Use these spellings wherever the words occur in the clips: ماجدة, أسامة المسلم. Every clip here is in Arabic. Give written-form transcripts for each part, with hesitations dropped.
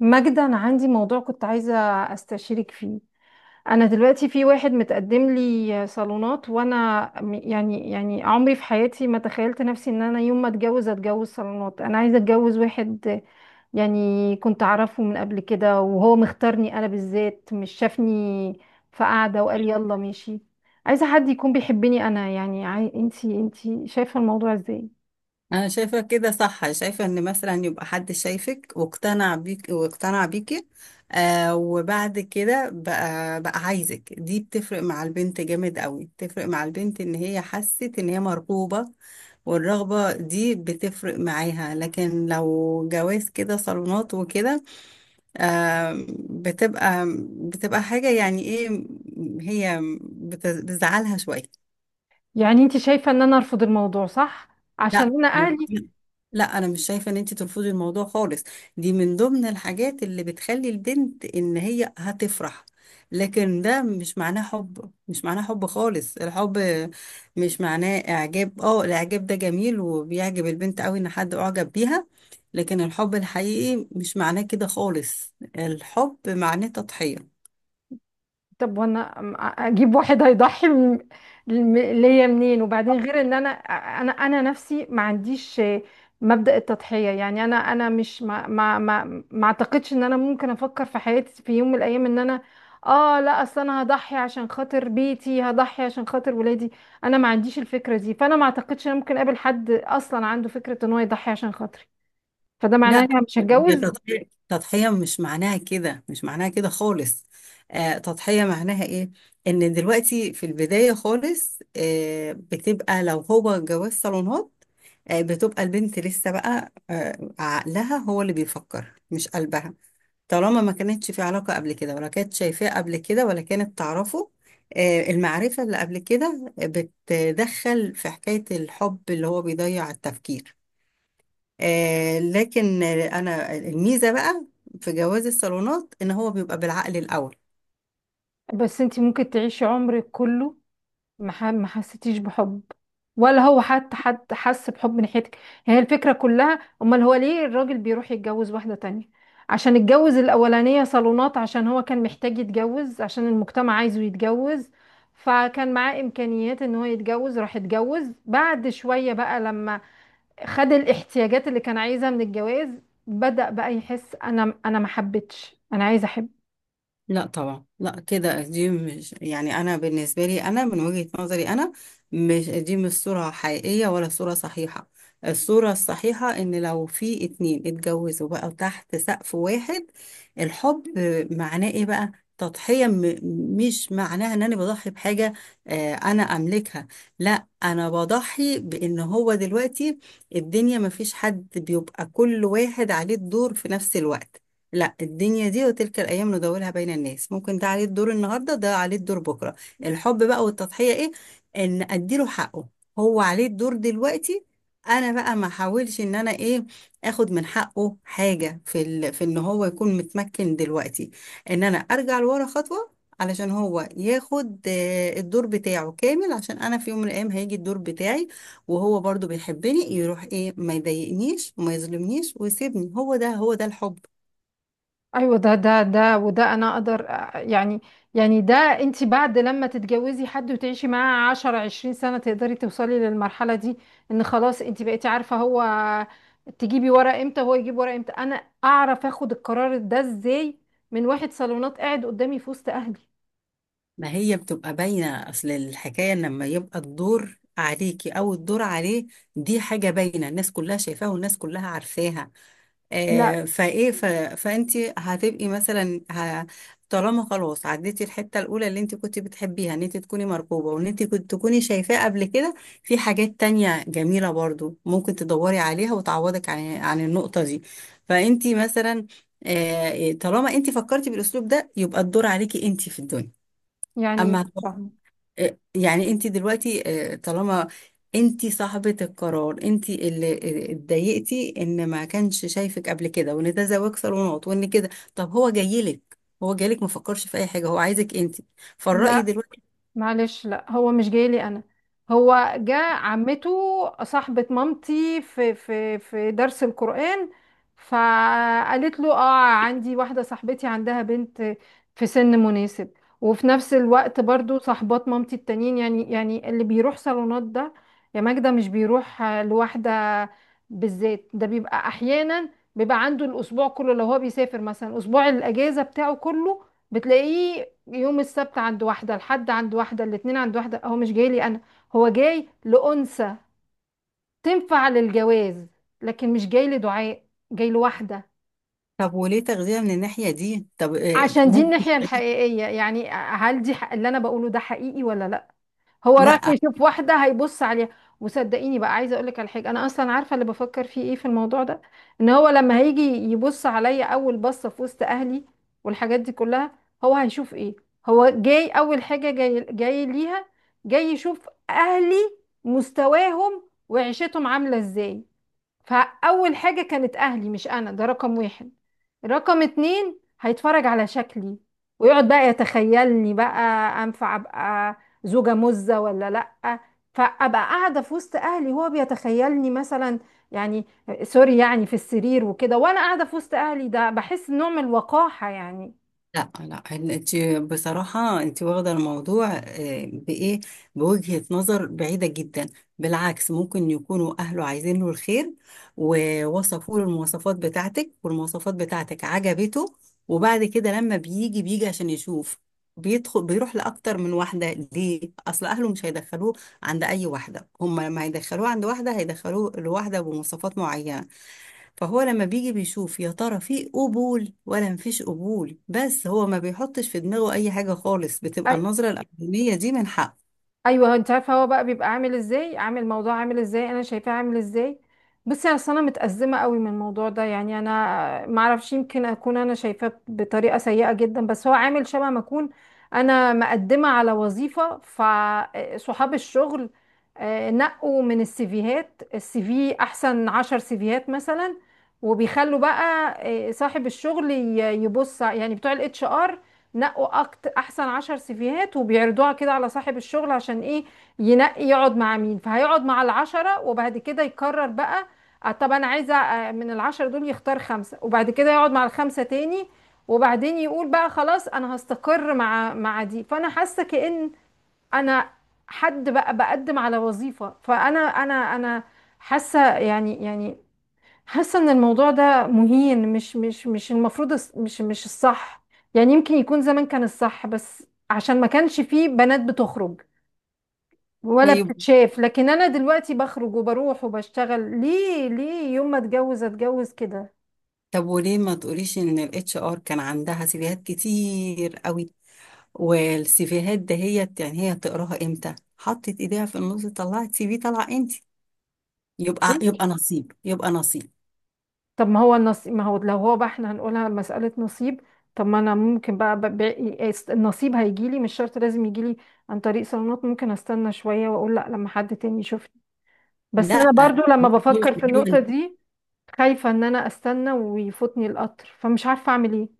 ماجدة، أنا عندي موضوع كنت عايزة أستشيرك فيه. أنا دلوقتي في واحد متقدم لي صالونات، وأنا يعني عمري في حياتي ما تخيلت نفسي إن أنا يوم ما أتجوز، أتجوز صالونات. أنا عايزة أتجوز واحد يعني كنت أعرفه من قبل كده، وهو مختارني أنا بالذات، مش شافني في قعدة وقال يلا ماشي. عايزة حد يكون بيحبني أنا، يعني أنتي شايفة الموضوع إزاي؟ انا شايفه كده صح. شايفه ان مثلا يبقى حد شايفك واقتنع بيك واقتنع بيكي. آه وبعد كده بقى عايزك، دي بتفرق مع البنت جامد قوي، بتفرق مع البنت ان هي حست ان هي مرغوبه، والرغبه دي بتفرق معاها. لكن لو جواز كده صالونات وكده، آه بتبقى حاجه يعني ايه. هي بتزعلها شويه. يعني أنتي شايفة إن أنا أرفض الموضوع، صح؟ عشان لا أنا لا. أهلي. لا انا مش شايفه ان انت ترفضي الموضوع خالص. دي من ضمن الحاجات اللي بتخلي البنت ان هي هتفرح، لكن ده مش معناه حب خالص. الحب مش معناه اعجاب. اه الاعجاب ده جميل وبيعجب البنت قوي ان حد اعجب بيها، لكن الحب الحقيقي مش معناه كده خالص. الحب معناه تضحية. طب وانا اجيب واحد هيضحي ليا منين؟ وبعدين غير ان انا نفسي ما عنديش مبدأ التضحية. يعني انا انا مش ما ما ما, ما اعتقدش ان انا ممكن افكر في حياتي في يوم من الايام ان انا اه لا، اصل انا هضحي عشان خاطر بيتي، هضحي عشان خاطر ولادي. انا ما عنديش الفكرة دي، فانا ما اعتقدش ان انا ممكن اقابل حد اصلا عنده فكرة ان هو يضحي عشان خاطري، فده معناه ان لا، انا مش هي هتجوز. تضحية مش معناها كده خالص. آه تضحية معناها ايه؟ ان دلوقتي في البداية خالص، آه بتبقى لو هو جواز صالونات، آه بتبقى البنت لسه بقى آه عقلها هو اللي بيفكر مش قلبها، طالما ما كانتش في علاقة قبل كده ولا كانت شايفاه قبل كده ولا كانت تعرفه. آه، المعرفة اللي قبل كده بتدخل في حكاية الحب اللي هو بيضيع التفكير. آه لكن انا الميزه بقى في جواز الصالونات ان هو بيبقى بالعقل الاول. بس انتي ممكن تعيشي عمرك كله ما حسيتيش بحب، ولا هو حتى حد حس بحب من ناحيتك. هي الفكرة كلها، امال هو ليه الراجل بيروح يتجوز واحدة تانية؟ عشان اتجوز الاولانية صالونات، عشان هو كان محتاج يتجوز، عشان المجتمع عايزه يتجوز، فكان معاه امكانيات ان هو يتجوز، راح اتجوز. بعد شوية بقى لما خد الاحتياجات اللي كان عايزها من الجواز، بدأ بقى يحس انا ما حبيتش، انا عايز احب. لا طبعا، لا كده دي مش، يعني انا بالنسبه لي انا من وجهه نظري انا، مش دي مش صوره حقيقيه ولا صوره صحيحه. الصوره الصحيحه ان لو في اتنين اتجوزوا بقى تحت سقف واحد، الحب معناه ايه بقى؟ تضحيه. مش معناها ان انا بضحي بحاجه انا املكها. لا، انا بضحي بان هو دلوقتي الدنيا ما فيش حد بيبقى كل واحد عليه الدور في نفس الوقت. لا الدنيا دي وتلك الأيام ندورها بين الناس، ممكن ده عليه الدور النهاردة، ده عليه الدور بكرة. الحب بقى والتضحية إيه؟ إن أديله حقه، هو عليه الدور دلوقتي، أنا بقى ما أحاولش إن أنا إيه، آخد من حقه حاجة في إن هو يكون متمكن دلوقتي، إن أنا أرجع لورا خطوة علشان هو ياخد الدور بتاعه كامل، عشان أنا في يوم من الأيام هيجي الدور بتاعي. وهو برضو بيحبني يروح إيه ما يضايقنيش وما يظلمنيش ويسيبني، هو ده هو ده الحب. ايوه، ده وده انا اقدر يعني، يعني ده انت بعد لما تتجوزي حد وتعيشي معاه 10 20 سنة تقدري توصلي للمرحلة دي. ان خلاص انت بقيتي عارفة هو تجيبي ورق امتى، هو يجيب ورق امتى. انا اعرف اخد القرار ده ازاي من واحد صالونات قاعد قدامي في وسط اهلي؟ ما هي بتبقى باينة، أصل الحكاية إن لما يبقى الدور عليكي أو الدور عليه، دي حاجة باينة، الناس كلها شايفاها والناس كلها عارفاها. لا. آه فأنت هتبقي مثلا طالما خلاص عديتي الحتة الأولى اللي أنت كنت بتحبيها إن أنت تكوني مرغوبة وإن أنت كنت تكوني شايفاه قبل كده، في حاجات تانية جميلة برضو ممكن تدوري عليها وتعوضك عن النقطة دي. فأنت مثلا آه طالما أنت فكرتي بالأسلوب ده يبقى الدور عليكي أنت في الدنيا. يعني مش أما فاهمة. آه، يعني انت دلوقتي آه، طالما انت صاحبة القرار، انت اللي آه، اتضايقتي ان ما كانش شايفك قبل كده وان ده زواج صالونات وان كده، طب هو جايلك، هو جايلك ما فكرش في اي حاجة، هو عايزك انت. فالرأي لا، دلوقتي، معلش، لا هو مش جاي لي انا، هو جاء عمته. صاحبة مامتي في درس القرآن، فقالت له، عندي واحدة صاحبتي عندها بنت في سن مناسب. وفي نفس الوقت برضو صاحبات مامتي التانيين، يعني اللي بيروح صالونات ده يا ماجدة مش بيروح لوحده. بالذات ده بيبقى احيانا بيبقى عنده الاسبوع كله. لو هو بيسافر مثلا اسبوع الاجازة بتاعه كله، بتلاقيه يوم السبت عند واحدة، الحد عند واحدة، الاتنين عند واحدة. هو مش جاي لي أنا، هو جاي لأنثى تنفع للجواز، لكن مش جاي لدعاء، جاي لواحدة. طب وليه تغذية من الناحية دي؟ طب آه، عشان دي ممكن. الناحية الحقيقية، يعني هل دي حق؟ اللي أنا بقوله ده حقيقي ولا لأ؟ هو رايح لا يشوف واحدة هيبص عليها. وصدقيني بقى، عايزة اقولك على حاجة، انا اصلا عارفة اللي بفكر فيه ايه في الموضوع ده. ان هو لما هيجي يبص عليا اول بصة في وسط اهلي والحاجات دي كلها، هو هيشوف ايه؟ هو جاي اول حاجة جاي ليها، جاي يشوف اهلي، مستواهم وعيشتهم عاملة ازاي. فأول حاجة كانت أهلي مش أنا، ده رقم واحد. رقم اتنين هيتفرج على شكلي، ويقعد بقى يتخيلني بقى، أنفع أبقى زوجة مزة ولا لأ. فأبقى قاعدة في وسط أهلي هو بيتخيلني مثلا، يعني سوري، يعني في السرير وكده، وأنا قاعدة في وسط أهلي. ده بحس نوع من الوقاحة يعني. لا لا، انت بصراحة انت واخدة الموضوع آه، بإيه، بوجهة نظر بعيدة جدا. بالعكس ممكن يكونوا أهله عايزين له الخير، ووصفوا له المواصفات بتاعتك والمواصفات بتاعتك عجبته، وبعد كده لما بيجي عشان يشوف بيدخل بيروح لأكتر من واحدة. ليه؟ أصل أهله مش هيدخلوه عند أي واحدة، هم لما هيدخلوه عند واحدة هيدخلوه لواحدة بمواصفات معينة، فهو لما بيجي بيشوف يا ترى في قبول ولا مفيش قبول، بس هو ما بيحطش في دماغه اي حاجة خالص. بتبقى أي- النظرة الاولانية دي من حق. ايوه، انت عارفه هو بقى بيبقى عامل ازاي، عامل موضوع عامل ازاي، انا شايفاه عامل ازاي. بصي يعني انا متأزمه قوي من الموضوع ده، يعني انا ما اعرفش، يمكن اكون انا شايفاه بطريقه سيئه جدا، بس هو عامل شبه ما اكون انا مقدمه على وظيفه. فصحاب الشغل نقوا من السيفيهات، السي في، احسن 10 سيفيهات مثلا، وبيخلوا بقى صاحب الشغل يبص، يعني بتوع الاتش ار نقوا أكت احسن 10 سيفيهات، وبيعرضوها كده على صاحب الشغل. عشان ايه؟ ينقي يقعد مع مين، فهيقعد مع العشرة وبعد كده يقرر بقى. طب انا عايزه من العشرة دول يختار خمسة، وبعد كده يقعد مع الخمسة تاني، وبعدين يقول بقى خلاص انا هستقر مع دي. فانا حاسه كأن انا حد بقى بقدم على وظيفة، فانا انا انا حاسه، يعني حاسه ان الموضوع ده مهين، مش المفروض، مش الصح. يعني يمكن يكون زمان كان الصح، بس عشان ما كانش فيه بنات بتخرج ولا طيب، بتتشاف. لكن انا دلوقتي بخرج وبروح وبشتغل، ليه يوم ما اتجوز، اتجوز كده؟ طب وليه ما تقوليش ان الاتش ار كان عندها سيفيهات كتير قوي، والسيفيهات دهيت يعني هي تقراها امتى، حطت ايديها في النص طلعت سي في، طلع انت. يبقى ليه؟ يبقى نصيب، يبقى نصيب. طب ما هو النصيب، ما هو لو هو بقى احنا هنقولها مسألة نصيب، طب ما انا ممكن بقى النصيب هيجيلي. مش شرط لازم يجيلي عن طريق صالونات، ممكن استنى شوية واقول لا لما حد تاني يشوفني. بس انا لا برضو لما هو بفكر في النقطة دي خايفة ان انا استنى ويفوتني القطر، فمش عارفة اعمل ايه.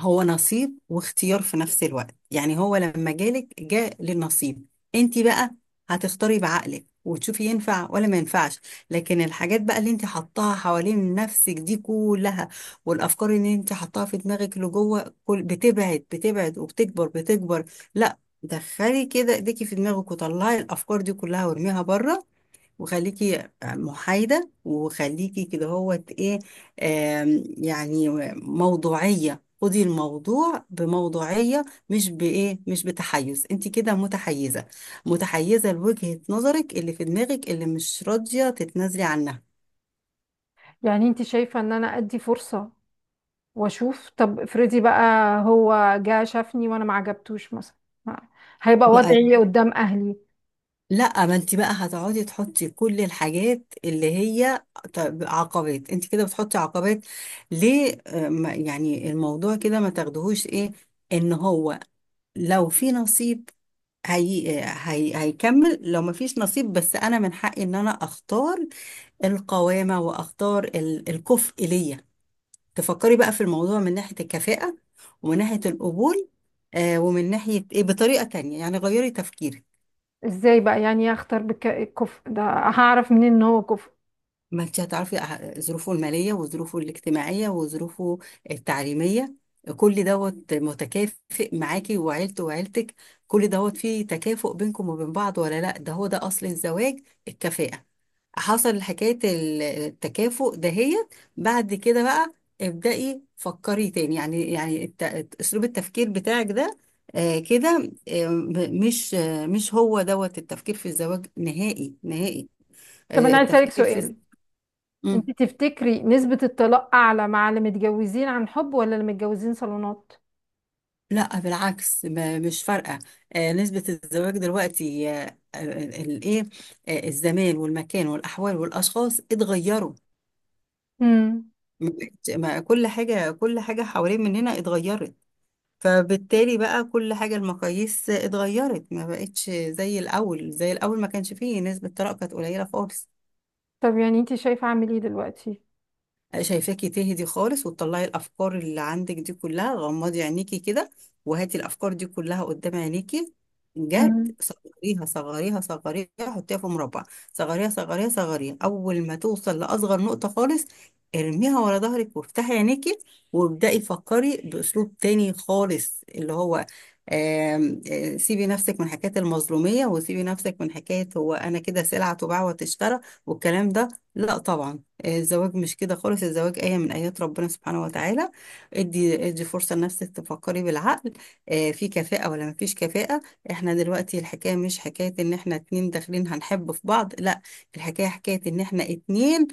هو نصيب واختيار في نفس الوقت. يعني هو لما جالك جاء للنصيب، انت بقى هتختاري بعقلك وتشوفي ينفع ولا ما ينفعش. لكن الحاجات بقى اللي انت حطاها حوالين نفسك دي كلها، والافكار اللي انت حطاها في دماغك لجوه كل بتبعد بتبعد وبتكبر بتكبر، لا، دخلي كده ايديكي في دماغك وطلعي الافكار دي كلها وارميها بره، وخليكي محايدة وخليكي كده. هو ايه آم، يعني موضوعية. خدي الموضوع بموضوعية، مش بإيه، مش بتحيز، انت كده متحيزة، متحيزة لوجهة نظرك اللي في دماغك اللي مش راضية تتنازلي عنها. يعني انت شايفة ان انا ادي فرصة واشوف؟ طب افرضي بقى هو جه شافني وانا ما عجبتوش مثلا، ما- هيبقى بقى وضعي إيه قدام اهلي؟ لا، ما انت بقى هتقعدي تحطي كل الحاجات اللي هي عقبات، انت كده بتحطي عقبات. ليه آه، يعني الموضوع كده ما تاخدهوش ايه، ان هو لو في نصيب هيكمل، لو مفيش نصيب بس انا من حقي ان انا اختار القوامة واختار الكفء ليا. تفكري بقى في الموضوع من ناحية الكفاءة ومن ناحية القبول، آه ومن ناحية ايه بطريقة تانية، يعني غيري تفكيرك. ازاي بقى؟ يعني إيه اختار بالكفء ده، هعرف منين ان هو كفء؟ ما انت هتعرفي ظروفه المالية وظروفه الاجتماعية وظروفه التعليمية، كل دوت متكافئ معاكي، وعيلته وعيلتك كل دوت فيه تكافؤ بينكم وبين بعض ولا لا. ده هو ده أصل الزواج الكفاءة. حصل حكاية التكافؤ دهيت بعد كده بقى، ابدأي فكري تاني. يعني أسلوب التفكير بتاعك ده آه كده آه مش آه مش هو دوت التفكير في الزواج نهائي نهائي. طب انا آه عايز اسالك التفكير في سؤال، مم. انت تفتكري نسبة الطلاق اعلى مع اللي متجوزين عن حب ولا اللي متجوزين صالونات؟ لا بالعكس، مش فارقة. آه، نسبة الزواج دلوقتي آه، آه، الايه آه، الزمان والمكان والأحوال والأشخاص اتغيروا. امم. ما كل حاجة، كل حاجة حوالين مننا اتغيرت، فبالتالي بقى كل حاجة المقاييس اتغيرت، ما بقتش زي الأول، زي الأول ما كانش فيه نسبة طلاق كانت قليلة خالص. طب يعني انت شايفة اعمل ايه دلوقتي؟ شايفاكي تهدي خالص، وتطلعي الافكار اللي عندك دي كلها. غمضي عينيكي كده، وهاتي الافكار دي كلها قدام عينيكي، جت امم. صغريها صغريها صغريها، حطيها في مربع، صغريها صغريها صغريها، اول ما توصل لاصغر نقطة خالص ارميها ورا ظهرك وافتحي عينيكي، وابدأي فكري باسلوب تاني خالص اللي هو آم، آه، سيبي نفسك من حكاية المظلومية، وسيبي نفسك من حكاية هو أنا كده سلعة تباع وتشترى والكلام ده. لا طبعا، الزواج مش كده خالص، الزواج آية من آيات ربنا سبحانه وتعالى. ادي فرصة لنفسك تفكري بالعقل، آه، في كفاءة ولا مفيش كفاءة. احنا دلوقتي الحكاية مش حكاية ان احنا اتنين داخلين هنحب في بعض، لا، الحكاية حكاية ان احنا اتنين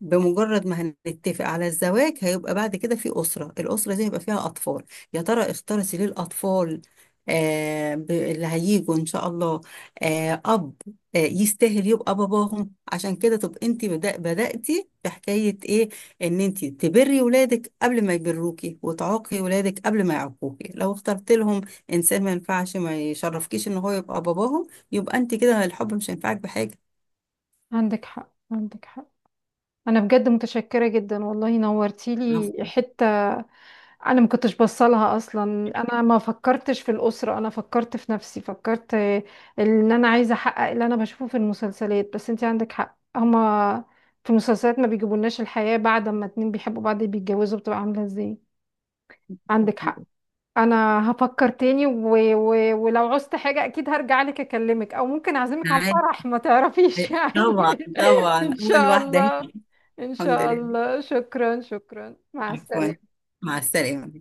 بمجرد ما هنتفق على الزواج هيبقى بعد كده في أسرة، الأسرة دي هيبقى فيها أطفال. يا ترى اختارتي ليه الأطفال آه اللي هيجوا إن شاء الله آه أب آه، يستاهل يبقى باباهم؟ عشان كده تبقى انت بدأتي في حكاية ايه، ان انت تبري ولادك قبل ما يبروكي، وتعاقي ولادك قبل ما يعاقوكي، لو اخترت لهم انسان ما ينفعش ما يشرفكيش ان هو يبقى باباهم، يبقى انت كده الحب مش هينفعك بحاجة. عندك حق، عندك حق. انا بجد متشكره جدا والله، نورتيلي عفواً، حته. انا ما كنتش بصلها اصلا، انا ما فكرتش في الاسره، انا فكرت في نفسي، فكرت ان انا عايزه احقق اللي انا بشوفه في المسلسلات. بس انت عندك حق، هما في المسلسلات ما بيجيبولناش الحياه بعد ما اتنين بيحبوا بعض بيتجوزوا بتبقى عامله ازاي. عندك حق. عفواً. انا هفكر تاني، ولو عوزت حاجه اكيد هرجع لك اكلمك، او ممكن اعزمك على عادي. الفرح ما تعرفيش يعني. طبعا طبعا إن اول شاء واحدة هي. الله، إن الحمد شاء لله، الله. شكرا، شكرا، مع عفوا، السلامة. مع السلامة.